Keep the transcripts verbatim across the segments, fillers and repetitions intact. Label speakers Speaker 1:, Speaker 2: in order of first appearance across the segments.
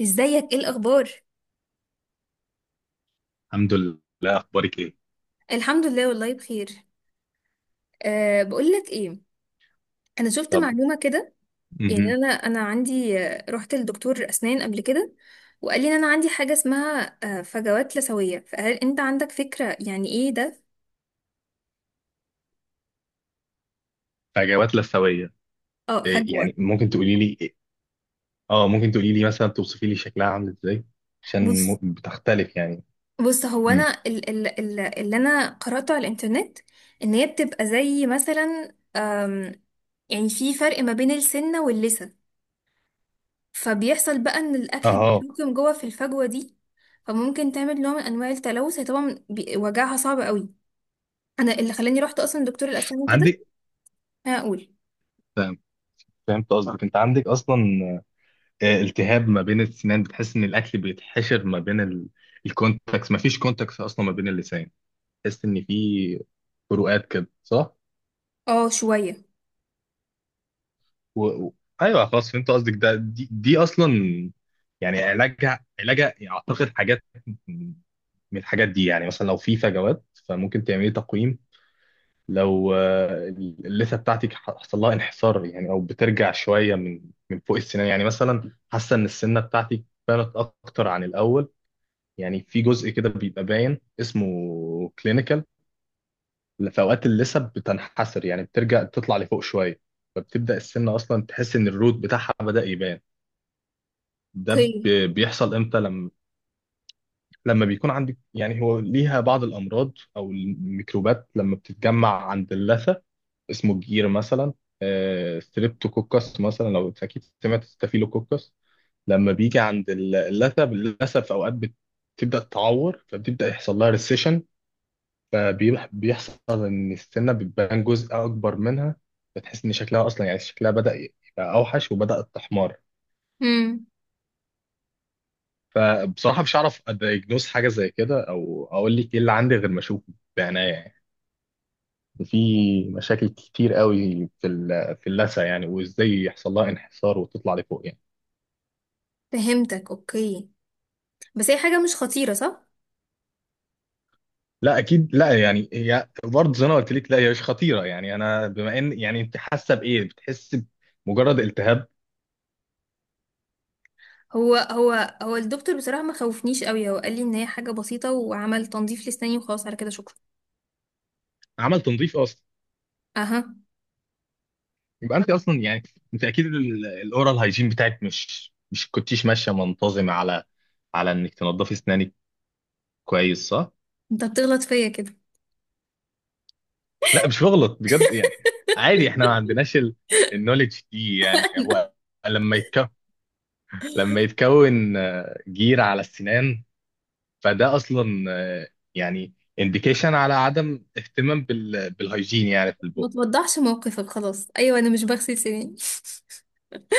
Speaker 1: ازيك؟ ايه الاخبار؟
Speaker 2: الحمد لله. اخبارك ايه؟
Speaker 1: الحمد لله، والله بخير. أه، بقول لك ايه، انا شفت
Speaker 2: طب.
Speaker 1: معلومه كده. يعني
Speaker 2: مهم.
Speaker 1: انا انا عندي، آه، رحت لدكتور اسنان قبل كده، وقال لي ان انا عندي حاجه اسمها آه، فجوات لثويه. فهل انت عندك فكره يعني ايه ده؟
Speaker 2: فجوات لثويه؟
Speaker 1: اه،
Speaker 2: إيه
Speaker 1: فجوه.
Speaker 2: يعني، ممكن تقولي لي إيه؟ اه، ممكن تقولي لي مثلا توصفي لي شكلها عامل ازاي. عشان م-
Speaker 1: بص،
Speaker 2: بتختلف يعني.
Speaker 1: بص، هو
Speaker 2: مم.
Speaker 1: انا ال ال ال اللي انا قراته على الانترنت ان هي بتبقى زي مثلا آم، يعني في فرق ما بين السنه واللثه. فبيحصل بقى ان الاكل
Speaker 2: اه.
Speaker 1: بيتراكم جوه في الفجوه دي، فممكن تعمل نوع من انواع التلوث. هي طبعا بي- وجعها صعب قوي، انا اللي خلاني رحت اصلا دكتور الاسنان كده.
Speaker 2: عندك.
Speaker 1: انا اقول.
Speaker 2: فاهم. فهمت قصدك، انت عندك اصلا آه، التهاب ما بين السنان، بتحس ان الاكل بيتحشر ما بين ال... الكونتاكس. ما فيش كونتاكس اصلا ما بين اللسان، تحس ان في فروقات كده، صح؟
Speaker 1: اه، شويه.
Speaker 2: و... و... ايوه خلاص، فهمت قصدك. ده دي, دي اصلا يعني، علاجها علاجها اعتقد حاجات من الحاجات دي. يعني مثلا لو في فجوات فممكن تعملي تقويم. لو آه، اللثه بتاعتك حصل لها انحسار يعني، او بترجع شويه من من فوق السنان. يعني مثلا حاسه ان السنه بتاعتك بانت اكتر عن الاول، يعني في جزء كده بيبقى باين، اسمه كلينيكال. في اوقات اللثه بتنحسر، يعني بترجع تطلع لفوق شويه، فبتبدا السنه اصلا تحس ان الروت بتاعها بدا يبان. ده
Speaker 1: اوكي.
Speaker 2: بي- بيحصل امتى؟ لما لما بيكون عندك يعني، هو ليها بعض الامراض او الميكروبات لما بتتجمع عند اللثه، اسمه الجير مثلا. آه، ستريبتوكوكس مثلا، لو اكيد سمعت، ستافيلوكوكس. لما بيجي عند ال- اللثه، اللثه في اوقات بتبدا تعور، فبتبدا يحصل لها ريسيشن. فبيحصل ان السنه بتبان جزء اكبر منها، بتحس ان شكلها اصلا يعني، شكلها بدا يبقى اوحش وبدات تحمر.
Speaker 1: امم.
Speaker 2: فبصراحة مش هعرف اديجنوز حاجة زي كده، او اقول لك ايه اللي عندي غير ما اشوفه بعناية يعني. في مشاكل كتير قوي في ال- في اللثة يعني، وازاي يحصل لها انحسار وتطلع لفوق يعني.
Speaker 1: فهمتك. اوكي، بس هي حاجه مش خطيره، صح؟
Speaker 2: لا اكيد لا، يعني هي برضه زي ما قلت لك، لا هي مش خطيرة يعني. انا بما ان يعني انت حاسة بايه، بتحس بمجرد التهاب.
Speaker 1: هو هو هو الدكتور بصراحه ما خوفنيش قوي، هو قال لي ان هي حاجه بسيطه، وعمل تنظيف لساني وخلاص. على كده، شكرا.
Speaker 2: عمل تنظيف اصلا؟
Speaker 1: اها.
Speaker 2: يبقى انت اصلا يعني، انت اكيد ال- الاورال هايجين بتاعك مش مش كنتيش ماشية منتظمة على على انك تنضفي اسنانك كويس، صح؟
Speaker 1: انت بتغلط فيا كده.
Speaker 2: لا مش بغلط، بجد يعني، عادي احنا ما عندناش ال- النوليدج دي يعني. هو لما يتكون، لما يتكون آه، جير على السنان، فده اصلا آه، يعني انديكيشن على عدم اهتمام بال... بالهيجين يعني، في
Speaker 1: ما
Speaker 2: البق.
Speaker 1: توضحش موقفك خلاص. ايوه، انا مش بغسل سناني.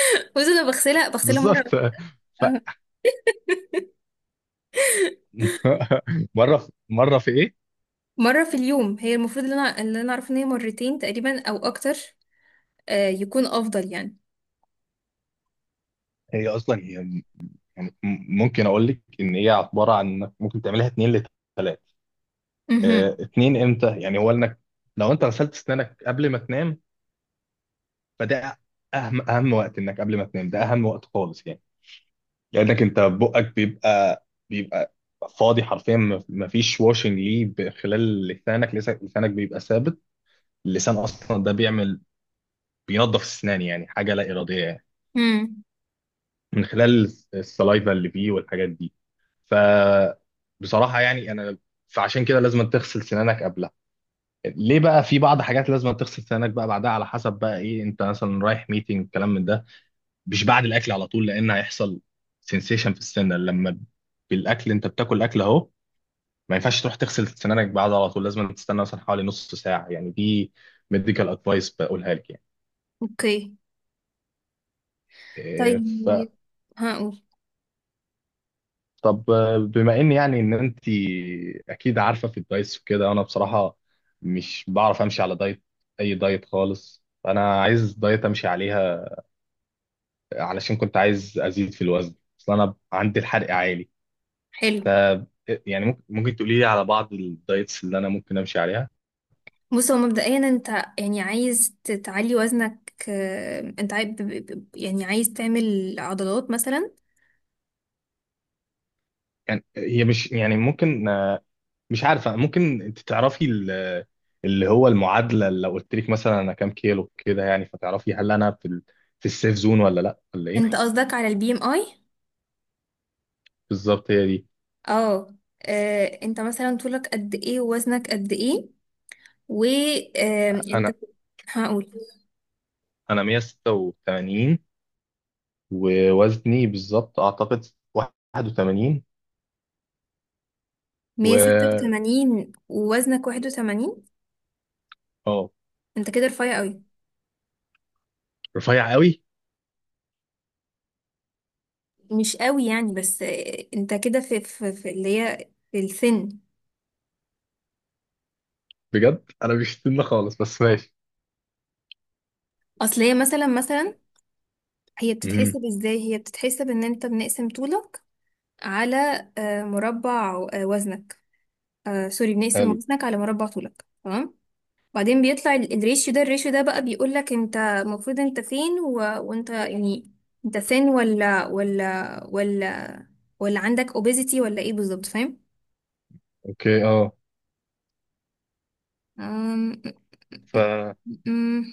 Speaker 1: بس انا بغسلها، بغسلها.
Speaker 2: بالظبط.
Speaker 1: مره.
Speaker 2: ف... مره في... مره في ايه؟
Speaker 1: مرة في اليوم. هي المفروض اللي انا اللي انا اعرف ان هي مرتين تقريبا او اكتر. آه، يكون افضل يعني.
Speaker 2: هي اصلا هي م- يعني م- ممكن اقول لك ان هي عباره عن إنك ممكن تعملها اتنين لتلاتة. اه،
Speaker 1: امم،
Speaker 2: اتنين امتى يعني؟ هو انك لو انت غسلت اسنانك قبل ما تنام، فده اهم اهم وقت، انك قبل ما تنام ده اهم وقت خالص يعني. لانك انت بقك بيبقى بيبقى فاضي حرفيا، ما ما فيش واشنج ليه ب- خلال لسانك. لسانك لسانك بيبقى ثابت. اللسان اصلا ده بيعمل، بينظف السنان يعني، حاجه لا اراديه يعني،
Speaker 1: امم.
Speaker 2: من خلال السلايفا اللي فيه والحاجات دي. ف بصراحه يعني انا، فعشان كده لازم تغسل سنانك قبلها. ليه بقى؟ في بعض حاجات لازم تغسل سنانك بقى بعدها، على حسب بقى ايه. انت مثلا رايح ميتنج كلام من ده، مش بعد الاكل على طول، لان هيحصل سنسيشن في السنه لما بالاكل، انت بتاكل اكل اهو، ما ينفعش تروح تغسل سنانك بعد على طول. لازم تستنى مثلا حوالي نص ساعه يعني، دي ميديكال ادفايس بقولها لك يعني.
Speaker 1: اوكي.
Speaker 2: إيه، ف
Speaker 1: طيب. هقول.
Speaker 2: طب آه، بما ان يعني ان انت اكيد عارفه في الدايتس وكده، انا بصراحه مش بعرف امشي على دايت، اي دايت خالص. انا عايز دايت امشي عليها، علشان كنت عايز ازيد في الوزن، اصل انا عندي الحرق عالي.
Speaker 1: حلو.
Speaker 2: ف يعني ممكن ممكن تقولي لي على بعض الدايتس اللي انا ممكن امشي عليها.
Speaker 1: بص، هو مبدئيا انت يعني عايز ت- تعلي وزنك. آه، انت عايز، يعني عايز تعمل عضلات مثلا؟
Speaker 2: يعني هي مش يعني، ممكن آه، مش عارفه، ممكن انت تعرفي ال- اللي هو المعادله. لو قلت لك مثلا انا كام كيلو كده يعني، فتعرفي هل انا في ال- في السيف زون ولا لا ولا ايه.
Speaker 1: انت قصدك على البي ام اي؟
Speaker 2: بالظبط هي دي.
Speaker 1: اه. آه، انت مثلا طولك قد ايه ووزنك قد ايه؟ و آم، انت.
Speaker 2: انا
Speaker 1: هقول.
Speaker 2: انا مية ستة وتمانين، ووزني بالظبط اعتقد واحد وثمانين. و
Speaker 1: مية وستة وثمانين، ووزنك واحد وثمانين؟
Speaker 2: اه.
Speaker 1: انت كده رفيع قوي.
Speaker 2: رفيع قوي؟
Speaker 1: مش قوي يعني، بس آه، انت كده في, في, في اللي هي في السن.
Speaker 2: بجد انا مش سنة خالص، بس ماشي.
Speaker 1: اصل هي مثلا مثلا هي
Speaker 2: امم.
Speaker 1: بتتحسب ازاي؟ هي بتتحسب ان انت بنقسم طولك على آه، مربع آه، وزنك. آه، سوري، بنقسم
Speaker 2: حلو.
Speaker 1: وزنك على مربع طولك، تمام؟ بعدين بيطلع ال- الريشيو ده، الريشيو ده بقى بيقول لك انت المفروض انت فين، و... وانت يعني انت سن ولا ولا ولا ولا عندك obesity ولا ايه بالظبط، فاهم؟
Speaker 2: اوكي، اه. ف
Speaker 1: أم-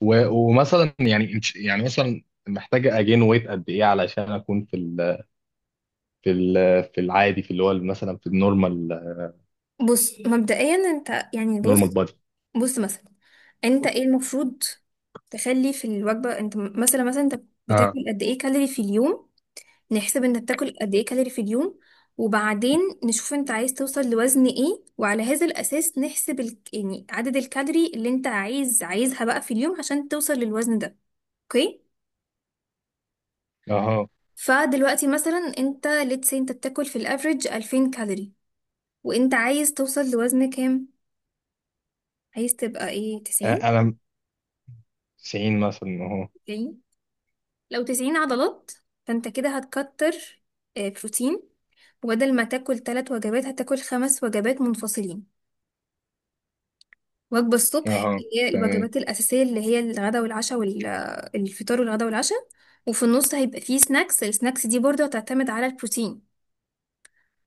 Speaker 2: و- ومثلا يعني إنش- يعني مثلا محتاجة اجين ويت قد ايه علشان اكون في ال في ال في العادي، في اللي هو مثلا في النورمال،
Speaker 1: بص مبدئيا انت يعني،
Speaker 2: نورمال
Speaker 1: بص،
Speaker 2: بادي.
Speaker 1: بص مثلا، انت ايه المفروض تخلي في الوجبة؟ انت م- مثلا مثلا انت
Speaker 2: اه،
Speaker 1: بتاكل قد ايه كالوري في اليوم؟ نحسب انت بتاكل قد ايه كالوري في اليوم، وبعدين نشوف انت عايز توصل لوزن ايه، وعلى هذا الاساس نحسب ال... يعني عدد الكالوري اللي انت عايز عايزها بقى في اليوم عشان توصل للوزن ده. اوكي.
Speaker 2: اهو.
Speaker 1: فدلوقتي مثلا انت، let's say انت بتاكل في الافريج الفين كالوري، وانت عايز توصل لوزن كام؟ عايز تبقى ايه، تسعين؟
Speaker 2: انا تسعين مثلا اهو.
Speaker 1: لو تسعين عضلات، فانت كده هتكتر آه، بروتين. وبدل ما تاكل ثلاث وجبات، هتاكل خمس وجبات منفصلين. وجبة الصبح،
Speaker 2: اهو.
Speaker 1: اللي هي
Speaker 2: تمام.
Speaker 1: الوجبات الأساسية، اللي هي الغداء والعشاء والفطار، والغداء والعشاء. وفي النص هيبقى فيه سناكس. السناكس دي برضه هتعتمد على البروتين.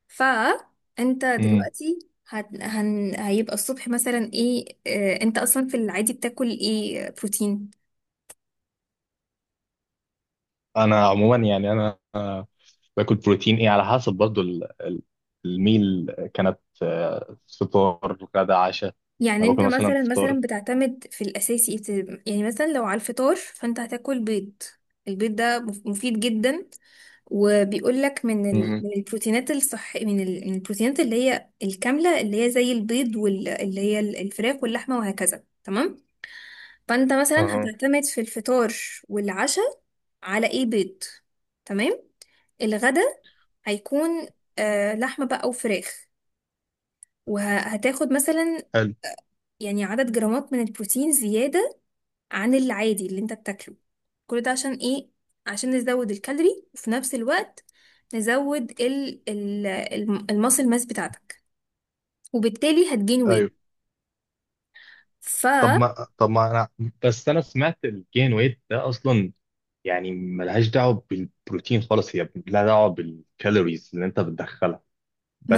Speaker 1: فأنت
Speaker 2: مم.
Speaker 1: دلوقتي هت... هن... هيبقى الصبح مثلا ايه؟ آه، انت اصلا في العادي بتاكل ايه؟ آه، بروتين؟
Speaker 2: انا عموما يعني، انا آه، باكل بروتين، ايه على حسب برضو ال- ال- الميل كانت، آه، فطار، غدا، عشاء.
Speaker 1: يعني
Speaker 2: انا
Speaker 1: انت
Speaker 2: باكل مثلا
Speaker 1: مثلا مثلا
Speaker 2: فطار.
Speaker 1: بتعتمد في الاساسي، بت- يعني مثلا لو على الفطار، فانت هتاكل بيض. البيض ده مف- مفيد جدا، وبيقول لك من ال...
Speaker 2: مم.
Speaker 1: من البروتينات الصح، من, ال... من البروتينات اللي هي الكامله، اللي هي زي البيض واللي هي ال- الفراخ واللحمه وهكذا، تمام. فانت مثلا
Speaker 2: اهو.
Speaker 1: هتعتمد في الفطار والعشاء على ايه؟ بيض. تمام. الغدا هيكون آه لحمه بقى وفراخ. وهتاخد مثلا
Speaker 2: حلو.
Speaker 1: يعني عدد جرامات من البروتين زيادة عن العادي اللي انت بتاكله. كل ده عشان ايه؟ عشان نزود الكالوري، وفي نفس الوقت نزود ال ال الماسل ماس بتاعتك، وبالتالي هتجين
Speaker 2: ايوه.
Speaker 1: وي.
Speaker 2: طب
Speaker 1: فما،
Speaker 2: ما طب ما انا، بس انا سمعت الجين ويت ده اصلا يعني ملهاش دعوه بالبروتين خالص، هي لها دعوه بالكالوريز اللي انت بتدخلها،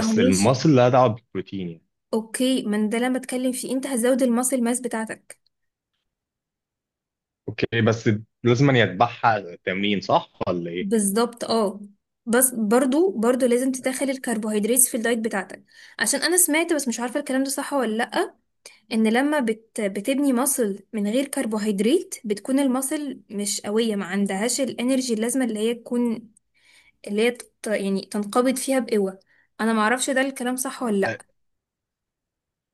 Speaker 1: هو ماشي.
Speaker 2: المصل لها دعوه بالبروتين يعني.
Speaker 1: اوكي، ما أنا ده اللي انا بتكلم فيه، انت هتزود الماسل ماس بتاعتك.
Speaker 2: اوكي، بس لازم أن يتبعها تمرين، صح ولا ايه؟
Speaker 1: بالظبط، اه. بس برضو برضو لازم تدخل الكربوهيدرات في الدايت بتاعتك. عشان انا سمعت، بس مش عارفه الكلام ده صح ولا لا، ان لما بت بتبني ماسل من غير كربوهيدرات، بتكون الماسل مش قويه، ما عندهاش الانرجي اللازمه اللي هي تكون، اللي هي تت- يعني تنقبض فيها بقوه. انا ما اعرفش ده الكلام صح ولا لا.
Speaker 2: أه،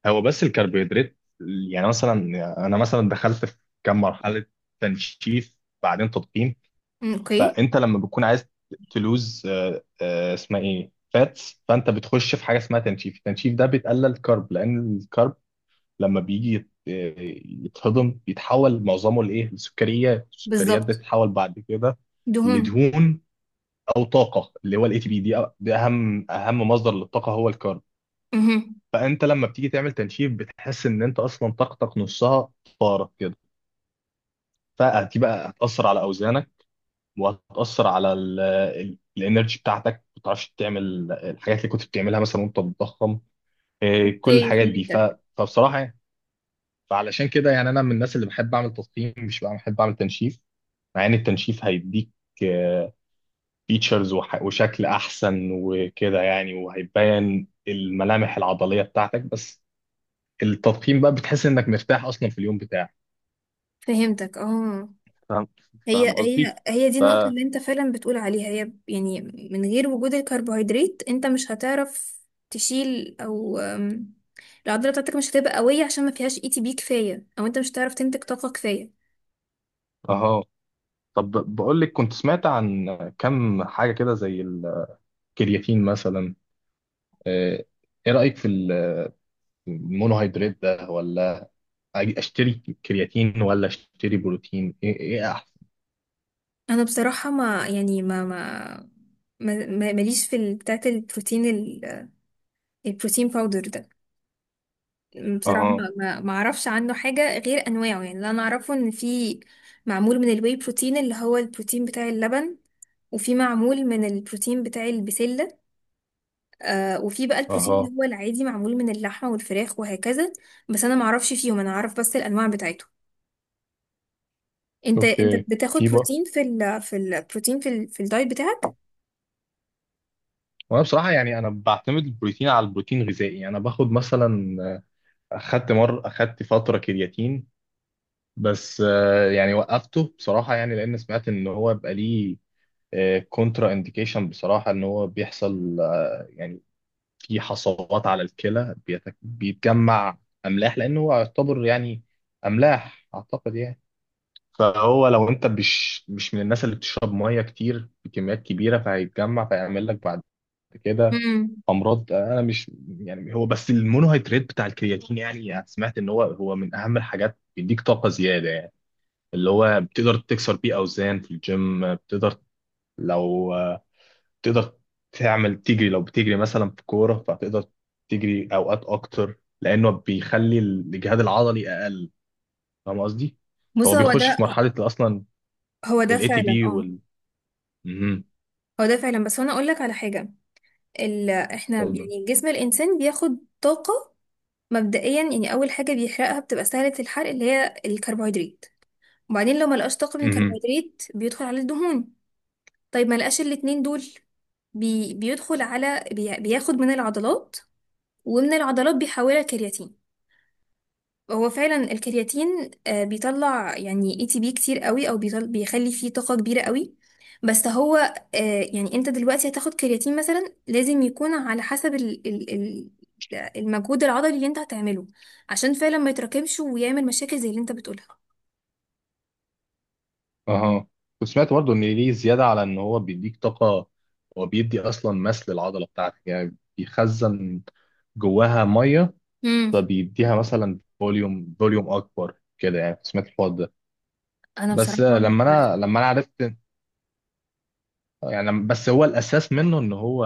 Speaker 2: هو بس الكربوهيدرات يعني مثلا، انا مثلا دخلت في كام مرحله، تنشيف بعدين تضخيم.
Speaker 1: أمم، اوكي.
Speaker 2: فانت لما بتكون عايز تلوز آه، آه، اسمها ايه، فاتس، فانت بتخش في حاجه اسمها تنشيف. التنشيف ده بيتقلل كارب، لان الكارب لما بيجي يت- آه، يتهضم، بيتحول معظمه لايه؟ لسكريات. السكريات
Speaker 1: بالظبط.
Speaker 2: بتتحول بعد كده
Speaker 1: دهون.
Speaker 2: لدهون، او طاقه، اللي هو الاي تي بي. دي أ- ده اهم اهم مصدر للطاقه، هو الكارب.
Speaker 1: امم.
Speaker 2: فانت لما بتيجي تعمل تنشيف، بتحس ان انت اصلا طاقتك نصها طارت كده، فدي بقى هتاثر على اوزانك، وهتأثر على ال- ال- الانرجي بتاعتك، ما بتعرفش تعمل الحاجات اللي كنت بتعملها مثلا وانت بتضخم. إيه، كل
Speaker 1: اوكي،
Speaker 2: الحاجات دي. ف...
Speaker 1: فهمتك.
Speaker 2: فبصراحة يعني، فعلشان كده يعني انا من الناس اللي بحب اعمل تضخيم، مش بقى بحب اعمل تنشيف. مع ان التنشيف هيديك فيتشرز وشكل احسن وكده يعني، وهيبين الملامح العضلية بتاعتك، بس التضخيم بقى بتحس انك مرتاح اصلا في اليوم بتاعك.
Speaker 1: فهمتك، اه.
Speaker 2: فاهم.
Speaker 1: هي
Speaker 2: فاهم
Speaker 1: هي
Speaker 2: قصدي؟
Speaker 1: هي دي
Speaker 2: ف
Speaker 1: النقطة اللي انت فعلا بتقول عليها، هي يعني من غير وجود الكربوهيدرات انت مش هتعرف تشيل، او أم، العضلة بتاعتك مش هتبقى قوية عشان ما فيهاش اي تي بي كفاية، او انت مش هتعرف تنتج طاقة كفاية.
Speaker 2: اهو. طب بقول لك، كنت سمعت عن كم حاجة كده، زي الكرياتين مثلا. آه، ايه رأيك في ال- المونوهيدرات ده؟ ولا أجي اشتري كرياتين ولا اشتري بروتين؟ ايه ايه احسن؟
Speaker 1: انا بصراحة ما يعني ما ما ما- ما- ماليش في ال- بتاعة البروتين ال- البروتين باودر ده. بصراحة
Speaker 2: اها.
Speaker 1: ما ما- ما اعرفش عنه حاجة غير انواعه، يعني اللي انا اعرفه ان في معمول من الواي بروتين، اللي هو البروتين بتاع اللبن، وفي معمول من البروتين بتاع البسلة، آه وفي بقى البروتين اللي
Speaker 2: اها.
Speaker 1: هو العادي، معمول من اللحمة والفراخ وهكذا. بس انا ما اعرفش فيهم، انا اعرف بس الانواع بتاعته. انت انت
Speaker 2: اوكي.
Speaker 1: بتاخد
Speaker 2: في بقى.
Speaker 1: بروتين في ال في البروتين، في ال في الدايت بتاعك؟
Speaker 2: وانا بصراحة يعني، انا بعتمد البروتين على البروتين الغذائي. انا باخد مثلا آه، اخدت مر اخدت فترة كرياتين، بس آه، يعني وقفته بصراحة يعني، لان سمعت ان هو بقى ليه كونترا انديكيشن بصراحة. ان هو بيحصل آه، يعني في حصوات على الكلى، بيتك- بيتجمع املاح، لانه هو يعتبر يعني املاح اعتقد يعني. فهو لو انت مش مش من الناس اللي بتشرب ميه كتير بكميات كبيره، فهيتجمع فيعمل لك بعد كده
Speaker 1: امم.
Speaker 2: امراض. انا مش يعني. هو بس المونوهيدرات بتاع الكرياتين يعني، سمعت ان هو هو من اهم الحاجات، بيديك طاقه زياده يعني، اللي هو بتقدر تكسر بيه اوزان في الجيم. بتقدر لو تقدر تعمل تجري، لو بتجري مثلا في كورة، فتقدر تجري أوقات أكتر، لأنه بيخلي الإجهاد العضلي أقل. فاهم قصدي؟
Speaker 1: بص،
Speaker 2: هو
Speaker 1: هو
Speaker 2: بيخش
Speaker 1: ده.
Speaker 2: في مرحلة أصلا،
Speaker 1: هو ده
Speaker 2: ال A T P
Speaker 1: فعلا، اه.
Speaker 2: وال... مهم.
Speaker 1: هو ده فعلا. بس انا اقول لك على حاجه، ال... احنا
Speaker 2: اتفضل.
Speaker 1: يعني جسم الانسان بياخد طاقه مبدئيا، يعني اول حاجه بيحرقها بتبقى سهله الحرق، اللي هي الكربوهيدرات. وبعدين لو ما لقاش طاقه من
Speaker 2: مهم.
Speaker 1: الكربوهيدرات، بيدخل على الدهون. طيب، ما لقاش الاتنين دول، بي بيدخل على بي بياخد من العضلات، ومن العضلات بيحولها كرياتين. هو فعلا الكرياتين آه، بيطلع يعني اي تي بي كتير قوي، او بيطل بيخلي فيه طاقة كبيرة قوي. بس هو، آه، يعني انت دلوقتي هتاخد كرياتين مثلا لازم يكون على حسب ال ال ال المجهود العضلي اللي انت هتعمله، عشان فعلا ما يتراكمش ويعمل مشاكل زي اللي انت بتقولها.
Speaker 2: أها. وسمعت برضه إن ليه زيادة على إن هو بيديك طاقة، هو بيدي أصلا مس للعضلة بتاعتك، يعني بيخزن جواها مية.
Speaker 1: امم.
Speaker 2: فبيديها مثلا فوليوم، فوليوم أكبر كده يعني. سمعت الحوار ده.
Speaker 1: انا
Speaker 2: بس
Speaker 1: بصراحة مش
Speaker 2: لما
Speaker 1: عارفة.
Speaker 2: انا لما انا عرفت يعني، بس هو الاساس منه ان هو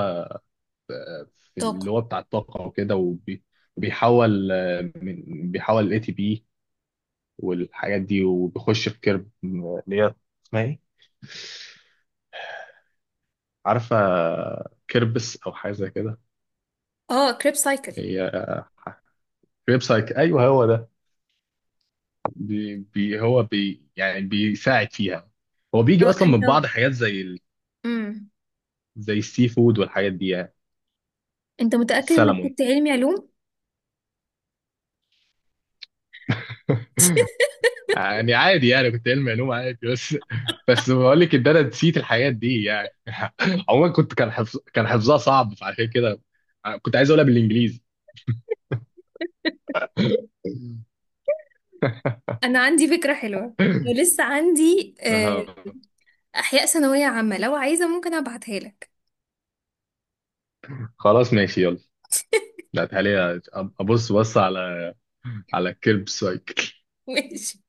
Speaker 2: في
Speaker 1: طاقة.
Speaker 2: اللي هو بتاع الطاقه وكده، وبي- وبيحول آه، من- بيحول الاي تي بي والحاجات دي. وبيخش في كيرب آه، اللي هي اسمها ايه؟ عارفه، كيربس او حاجه زي كده.
Speaker 1: اه، كريب سايكل.
Speaker 2: هي ويب سايت، ايوه هو ده. بي بي هو بي يعني بيساعد فيها. هو بيجي
Speaker 1: لو
Speaker 2: اصلا
Speaker 1: انت.
Speaker 2: من بعض حاجات زي ال-
Speaker 1: امم.
Speaker 2: زي السي فود والحاجات دي يعني.
Speaker 1: انت متأكد انك
Speaker 2: السلمون.
Speaker 1: كنت علمي علوم؟
Speaker 2: يعني عادي، يعني كنت علمي علوم عادي، بس بس بقول لك ان انا نسيت الحاجات دي يعني. عموما، كنت كان حفظ كان حفظها صعب، فعشان كده كنت عايز اقولها بالانجليزي.
Speaker 1: انا عندي فكرة حلوة، ولسه عندي
Speaker 2: آه.
Speaker 1: احياء ثانويه عامه، لو عايزه ممكن ابعتها لك.
Speaker 2: خلاص ماشي يلا. لا تعالي، أ- ابص، بص على على الكلب سايكل.
Speaker 1: ماشي.